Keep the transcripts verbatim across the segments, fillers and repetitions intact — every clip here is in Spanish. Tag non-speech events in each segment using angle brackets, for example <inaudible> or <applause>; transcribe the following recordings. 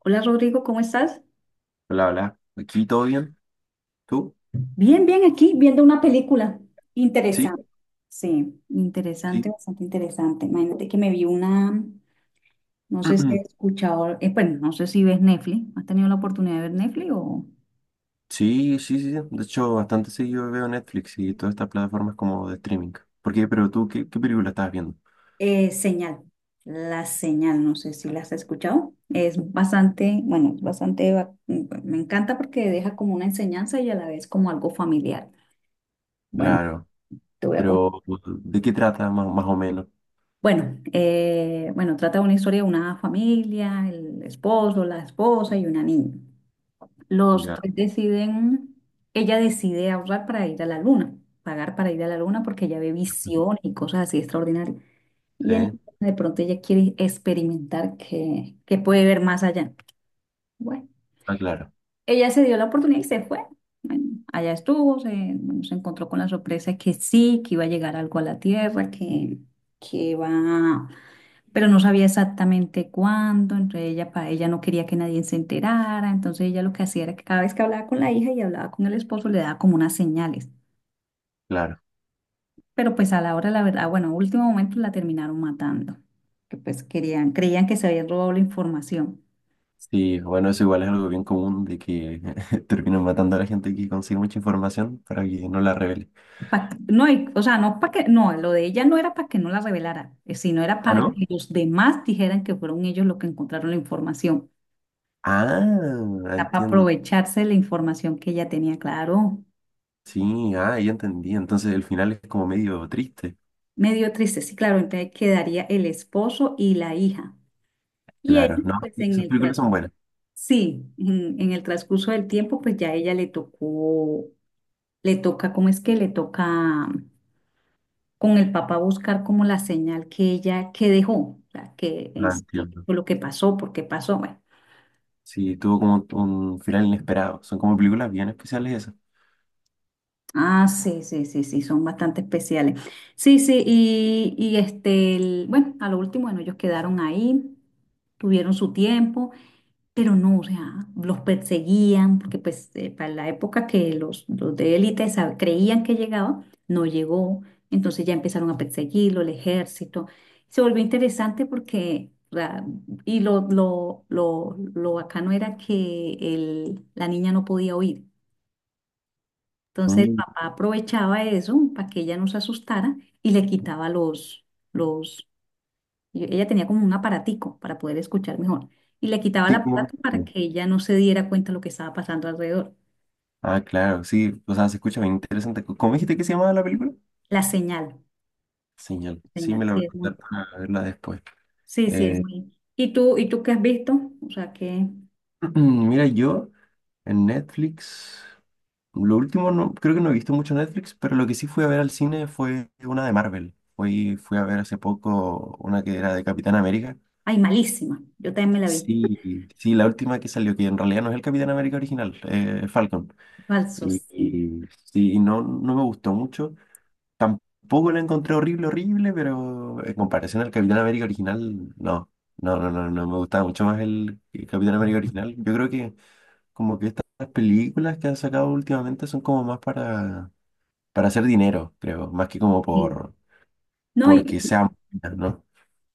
Hola Rodrigo, ¿cómo estás? Hola, hola. ¿Aquí todo bien? ¿Tú? Bien, bien, aquí viendo una película Sí, interesante. Sí, interesante, sí. bastante interesante. Imagínate que me vi una, no sé si has <clears throat> escuchado, eh, bueno, no sé si ves Netflix. ¿Has tenido la oportunidad de ver Netflix o...? Sí, sí, sí. sí. De hecho, bastante seguido veo Netflix y todas estas plataformas como de streaming. ¿Por qué? Pero tú, ¿qué, qué película estás viendo? Eh, Señal, la señal, no sé si la has escuchado. Es bastante, bueno, es bastante, va- me encanta porque deja como una enseñanza y a la vez como algo familiar. Bueno, Claro. te voy a comentar. Pero, ¿de qué trata más, más o menos? Bueno, eh, bueno, trata de una historia de una familia, el esposo, la esposa y una niña. Los Ya. tres deciden, ella decide ahorrar para ir a la luna, pagar para ir a la luna porque ella ve visiones y cosas así extraordinarias. Y en la Sí. luna de pronto ella quiere experimentar que, que puede ver más allá. Bueno, Ah, claro, ella se dio la oportunidad y se fue. Allá estuvo, se, bueno, se encontró con la sorpresa que sí, que iba a llegar algo a la Tierra, que, que va pero no sabía exactamente cuándo, entonces ella, pa- ella no quería que nadie se enterara, entonces ella lo que hacía era que cada vez que hablaba con la hija y hablaba con el esposo le daba como unas señales, claro. pero pues a la hora, la verdad, bueno, a último momento la terminaron matando, que pues querían, creían que se habían robado la información. Sí, bueno, eso igual es algo bien común de que <laughs> terminan matando a la gente que consigue mucha información para que no la revele. Pa- no, y- o sea, no para que, no, lo de ella no era para que no la revelara, eh, sino era ¿Ah, para no? que los demás dijeran que fueron ellos los que encontraron la información, Ah, para entiendo. aprovecharse de la información que ella tenía, claro. Sí, ah, ya entendí. Entonces el final es como medio triste. Medio dio triste, sí, claro, entonces quedaría el esposo y la hija. Y él, Claro, no, pues sí, en esas el tra- películas son buenas. sí, en, en el transcurso del tiempo, pues ya ella le tocó, le toca, ¿cómo es que le toca con el papá buscar como la señal que ella, que dejó, o sea, que en Ah, sí entiendo. fue lo que pasó, por qué pasó, bueno. Sí, tuvo como un final inesperado. Son como películas bien especiales esas. Ah, sí, sí, sí, sí, son bastante especiales. Sí, sí, y, y este, el- bueno, a lo último, bueno, ellos quedaron ahí, tuvieron su tiempo. Pero no, o sea, los perseguían, porque pues eh, para la época que los, los de élite sab- creían que llegaba, no llegó. Entonces ya empezaron a perseguirlo, el ejército. Se volvió interesante porque, o sea, y lo, lo, lo, lo bacano era que el, la niña no podía oír. Entonces el Mm, papá aprovechaba eso para que ella no se asustara y le quitaba los, los, y ella tenía como un aparatico para poder escuchar mejor. Y le quitaba el sí, como no. aparato para Sí. que ella no se diera cuenta de lo que estaba pasando alrededor. Ah, claro, sí, o sea, se escucha bien interesante. C- ¿Cómo dijiste que se llamaba la película? La señal, Señal. la Sí, me señal, la voy sí, a es contar muy, para verla después. sí, sí, es Eh, muy. ¿Y tú, y tú qué has visto? O sea que, <clears throat> mira, yo en Netflix, lo último no, creo que no he visto mucho Netflix, pero lo que sí fui a ver al cine fue una de Marvel. Fui, fui a ver hace poco una que era de Capitán América. ay, malísima. Yo también me la vi. Sí, sí, la última que salió, que en realidad no es el Capitán América original, eh, Falcon. Y, Falsos, sí, y sí, y no, no me gustó mucho. Tampoco la encontré horrible, horrible, pero en comparación al Capitán América original, no. No, no, no, no me gustaba mucho más el Capitán América original. Yo creo que como que estas películas que han sacado últimamente son como más para, para hacer dinero, creo, más que como sí. por No, y, porque sean buenas, ¿no?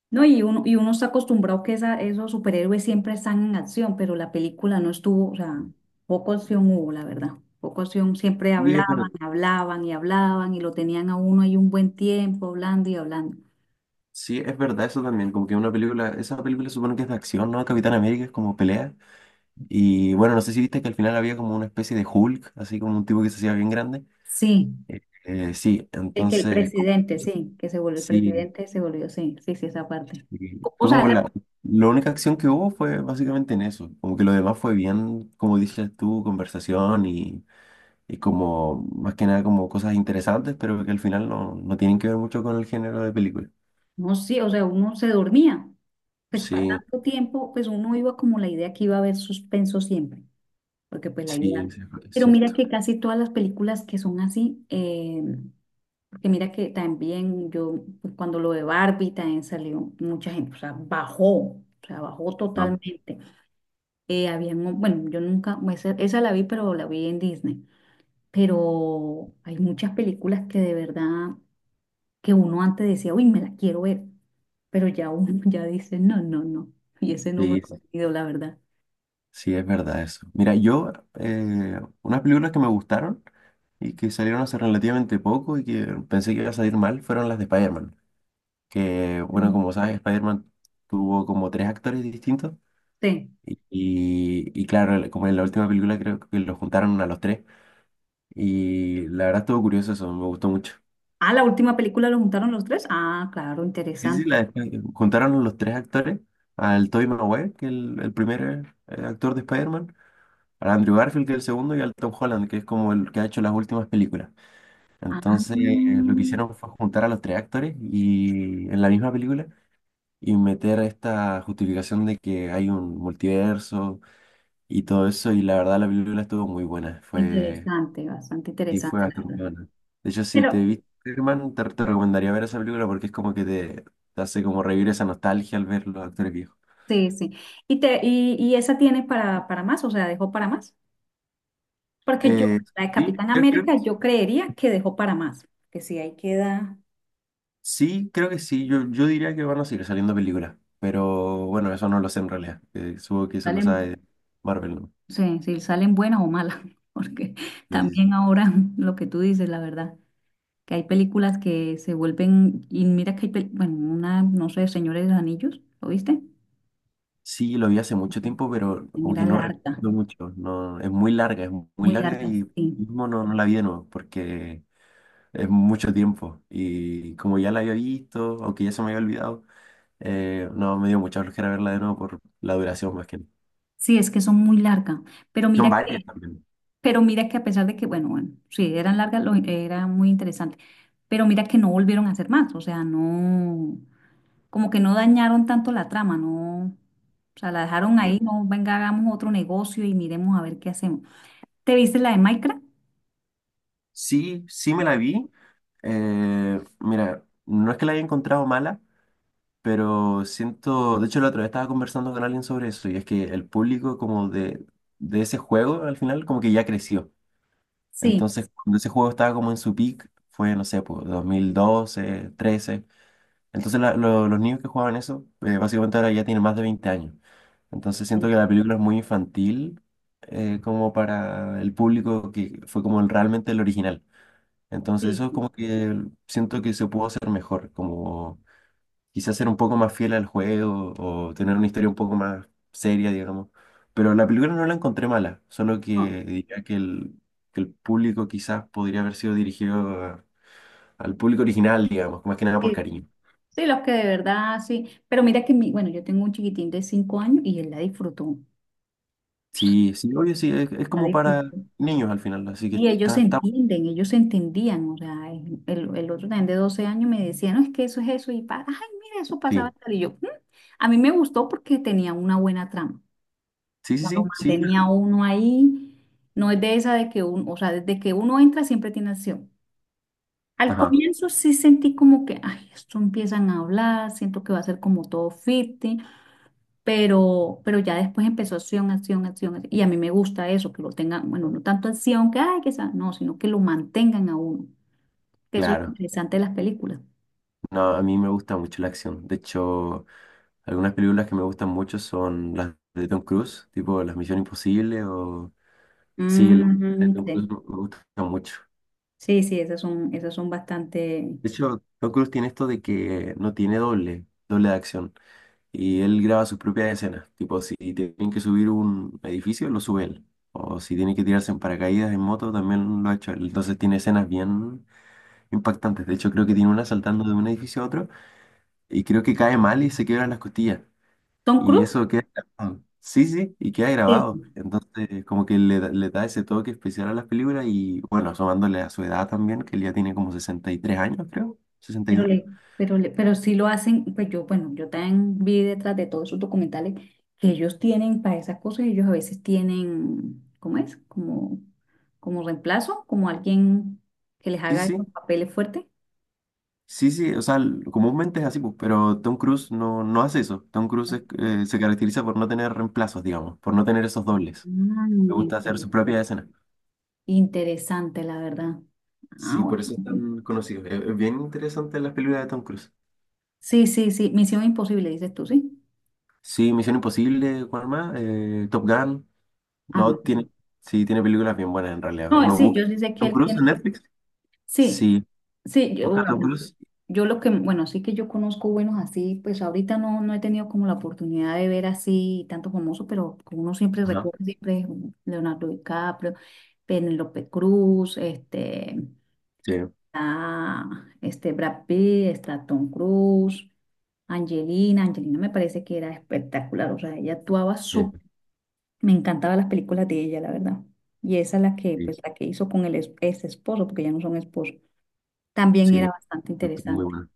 no, y uno, y uno está acostumbrado que esa, esos superhéroes siempre están en acción, pero la película no estuvo, o sea, poco acción hubo, la verdad. Poco acción, siempre Sí, es verdad. hablaban, hablaban y hablaban y lo tenían a uno ahí un buen tiempo hablando y hablando. Sí, es verdad eso también, como que una película, esa película supongo que es de acción, ¿no? Capitán América es como pelea. Y bueno, no sé si viste que al final había como una especie de Hulk, así como un tipo que se hacía bien grande. Sí, Eh, eh, sí, el que el entonces, como- presidente, sí, que se volvió el sí, presidente, se volvió, sí, sí, sí, esa parte. sí, O, o fue sea, como la- la, la única acción que hubo fue básicamente en eso, como que lo demás fue bien, como dices tú, conversación y, y como, más que nada como cosas interesantes, pero que al final no, no tienen que ver mucho con el género de película. no, sí, o sea, uno se dormía. Pues para Sí, tanto tiempo, pues uno iba como la idea que iba a haber suspenso siempre. Porque pues la idea. sí, sí, es Pero mira cierto. que casi todas las películas que son así, eh, porque mira que también yo, pues, cuando lo de Barbie también salió mucha gente, o sea, bajó, o sea, bajó No. totalmente. Eh, había, bueno, yo nunca, pues, esa, esa la vi, pero la vi en Disney. Pero hay muchas películas que de verdad, que uno antes decía, uy, me la quiero ver, pero ya uno <laughs> ya dice, no, no, no, y ese no me ha Sí, sí. ocurrido, la verdad. Sí, es verdad eso. Mira, yo, eh, unas películas que me gustaron y que salieron hace relativamente poco y que pensé que iba a salir mal fueron las de Spider-Man. Que, bueno, Mm. como sabes, Spider-Man tuvo como tres actores distintos Sí. y, y claro, el- como en la última película creo que los juntaron a los tres y la verdad estuvo curioso eso, me gustó mucho. Ah, la última película lo juntaron los tres. Ah, claro, Sí, sí, interesante. la de Spider- juntaron a los tres actores, al Tobey Maguire, que es el, el primer eh, actor de Spider-Man, al Andrew Garfield, que es el segundo, y al Tom Holland, que es como el que ha hecho las últimas películas. Ah, Entonces, lo que hicieron fue juntar a los tres actores y en la misma película y meter esta justificación de que hay un multiverso y todo eso. Y la verdad, la película estuvo muy buena. Fue, interesante, bastante y fue interesante, la bastante verdad. buena. De hecho, si te Pero, viste, Superman, te, te recomendaría ver esa película porque es como que te, te hace como revivir esa nostalgia al ver los actores viejos. sí, sí. ¿Y, te, y, y esa tiene para, para más? O sea, ¿dejó para más? Porque yo, Eh, la de sí, Capitán creo, creo- América, yo creería que dejó para más. Que si ahí queda, sí, creo que sí. Yo, yo diría que van a seguir saliendo películas. Pero bueno, eso no lo sé en realidad. Eh, supongo que eso lo salen, sabe Marvel. ¿No? sí, sí salen buenas o malas. <laughs> Porque Sí, sí, también sí. ahora lo que tú dices, la verdad, que hay películas que se vuelven, y mira que hay, pel- bueno, una, no sé, Señores de los Anillos, ¿lo viste? Sí, lo vi hace mucho tiempo, pero como Era que no larga, recuerdo mucho. No, es muy larga, es muy muy larga larga, y sí. mismo no, no la vi de nuevo porque es mucho tiempo. Y como ya la había visto, aunque ya se me había olvidado, eh, no, me dio mucha flojera verla de nuevo por la duración más que nada. Sí, es que son muy largas. Pero Son mira varias que, también. pero mira que a pesar de que, bueno, bueno, sí, eran largas, lo- era muy interesante. Pero mira que no volvieron a hacer más. O sea, no, como que no dañaron tanto la trama, no. O sea, la dejaron Sí, ahí, no, venga, hagamos otro negocio y miremos a ver qué hacemos. ¿Te viste la de Minecraft? sí sí me la vi. Eh, mira, no es que la haya encontrado mala, pero siento, de hecho la otra vez estaba conversando con alguien sobre eso y es que el público como de, de ese juego al final como que ya creció. Sí, Entonces cuando ese juego estaba como en su peak fue, no sé, pues dos mil doce, trece. Entonces la- lo- los niños que jugaban eso eh, básicamente ahora ya tienen más de veinte años. Entonces siento sí, que la película es muy infantil eh, como para el público que fue como el- realmente el original. Entonces sí, eso es sí, como que siento que se pudo hacer mejor, como quizás ser un poco más fiel al juego o tener una historia un poco más seria, digamos. Pero la película no la encontré mala, solo no, que diría que el, que el público quizás podría haber sido dirigido a- al público original, digamos, más que nada por sí, sí. cariño. Sí, los que de verdad, sí. Pero mira que mi, bueno, yo tengo un chiquitín de cinco años y él la disfrutó. Sí, sí, obvio, sí, es, es La como para disfrutó. niños al final, así que Y ellos se está, está, entienden, ellos se entendían, o sea, el, el- el otro también de doce años me decía, no, es que eso es eso, y para, ay, mira, eso pasaba, sí, y tal", y yo, "Mm". A mí me gustó porque tenía una buena trama, sí, o sí, sea, lo sí, sí, mantenía uno ahí, no es de esa de que uno, o sea, desde que uno entra siempre tiene acción. Al ajá, comienzo sí sentí como que, ay, esto empiezan a hablar, siento que va a ser como todo ficti, pero, pero ya después empezó acción, acción, acción, acción, y a mí me gusta eso, que lo tengan, bueno, no tanto acción que, ay, que sea, no, sino que lo mantengan a uno que eso es lo claro. interesante de las películas. No, a mí me gusta mucho la acción. De hecho, algunas películas que me gustan mucho son las de Tom Cruise, tipo Las Misión Imposible o sí, la película de Mm, Tom Cruise me sí, gusta mucho. sí, sí, esas son, esas son bastante... De hecho, Tom Cruise tiene esto de que no tiene doble, doble de acción. Y él graba sus propias escenas. Tipo, si tienen que subir un edificio, lo sube él. O si tiene que tirarse en paracaídas en moto, también lo ha hecho él. Entonces tiene escenas bien impactantes. De hecho, creo que tiene una saltando de un edificio a otro y creo que cae mal y se quiebran las costillas. Tom Y Cruise, eso queda grabado. Sí, sí, y queda sí, grabado. Entonces, como que le, da- le da ese toque especial a las películas y, bueno, asomándole a su edad también, que él ya tiene como sesenta y tres años, creo, sesenta y pero, dos le, pero, le- pero sí lo hacen, pues yo, bueno, yo también vi detrás de todos esos documentales que ellos tienen para esas cosas, ellos a veces tienen, ¿cómo es? Como, como reemplazo, como alguien que les Sí, haga esos sí, papeles fuertes. sí, sí, o sea, l- comúnmente es así, pues, pero Tom Cruise no, no hace eso. Tom Cruise es- eh, se caracteriza por no tener reemplazos, digamos, por no tener esos dobles. Ah, Le gusta hacer interesante. su propia escena. Interesante, la verdad. Ah, Sí, por bueno. eso es tan conocido. Es, es bien interesante las películas de Tom Cruise. Sí, sí, sí. Misión imposible, dices tú, ¿sí? Sí, Misión Imposible, ¿cuál más? Eh, Top Gun. Ah, No, no. tiene, sí, tiene películas bien buenas en realidad. No, Uno sí, busca yo sí sé que Tom él Cruise en tiene, Netflix. sí, Sí, sí, yo, busca bueno, Tom Cruise. yo lo que, bueno, sí que yo conozco buenos así, pues ahorita no, no he tenido como la oportunidad de ver así tanto famoso, pero como uno siempre Ajá, recuerda, siempre es Leonardo DiCaprio, Penélope Cruz, este, sí, ah, este Brad Pitt, está Tom Cruise, Angelina, Angelina me parece que era espectacular, o sea, ella actuaba súper sí, me encantaban las películas de ella, la verdad. Y esa es la que, sí, pues, la que hizo con el es- ex esposo, porque ya no son esposos. También sí, era yo bastante creo que muy interesante. bueno.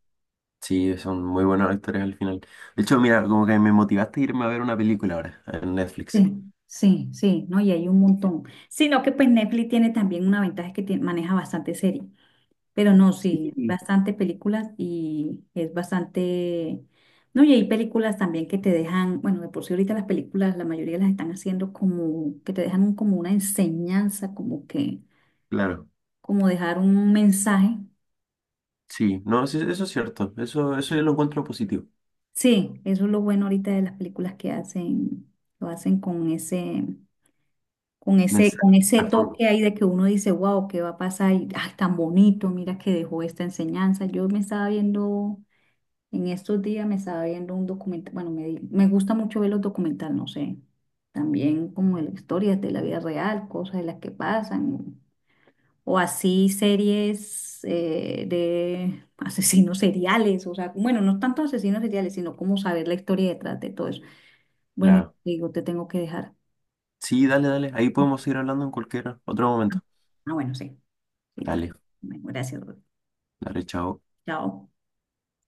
Sí, son muy buenos actores al final. De hecho, mira, como que me motivaste a irme a ver una película ahora en Netflix. Sí, sí, sí, ¿no? Y hay un montón. Sino que, pues, Netflix tiene también una ventaja es que tiene- maneja bastante serie. Pero no, sí, Sí, bastante películas y es bastante... No, y hay películas también que te dejan, bueno, de por sí ahorita las películas, la mayoría las están haciendo como, que te dejan un- como una enseñanza, como que, claro, como dejar un mensaje. sí, no, sí, eso es cierto, eso, eso yo lo encuentro positivo. Sí, eso es lo bueno ahorita de las películas que hacen, lo hacen con ese, con ese, Mensaje con ese a fondo, toque ahí de que uno dice, wow, ¿qué va a pasar? Y, ay, tan bonito, mira que dejó esta enseñanza. Yo me estaba viendo, en estos días me estaba viendo un documental, bueno, me, di- me gusta mucho ver los documentales, no sé, también como de la historia de la vida real, cosas de las que pasan o así series eh, de asesinos seriales, o sea, bueno, no tanto asesinos seriales, sino como saber la historia detrás de todo eso. Bueno, claro. digo, te tengo que dejar. Sí, dale, dale, ahí podemos seguir hablando en cualquier otro momento. Ah, bueno, sí, sí, tra- Dale, bueno, gracias. Ruth. dale, chao. Chao.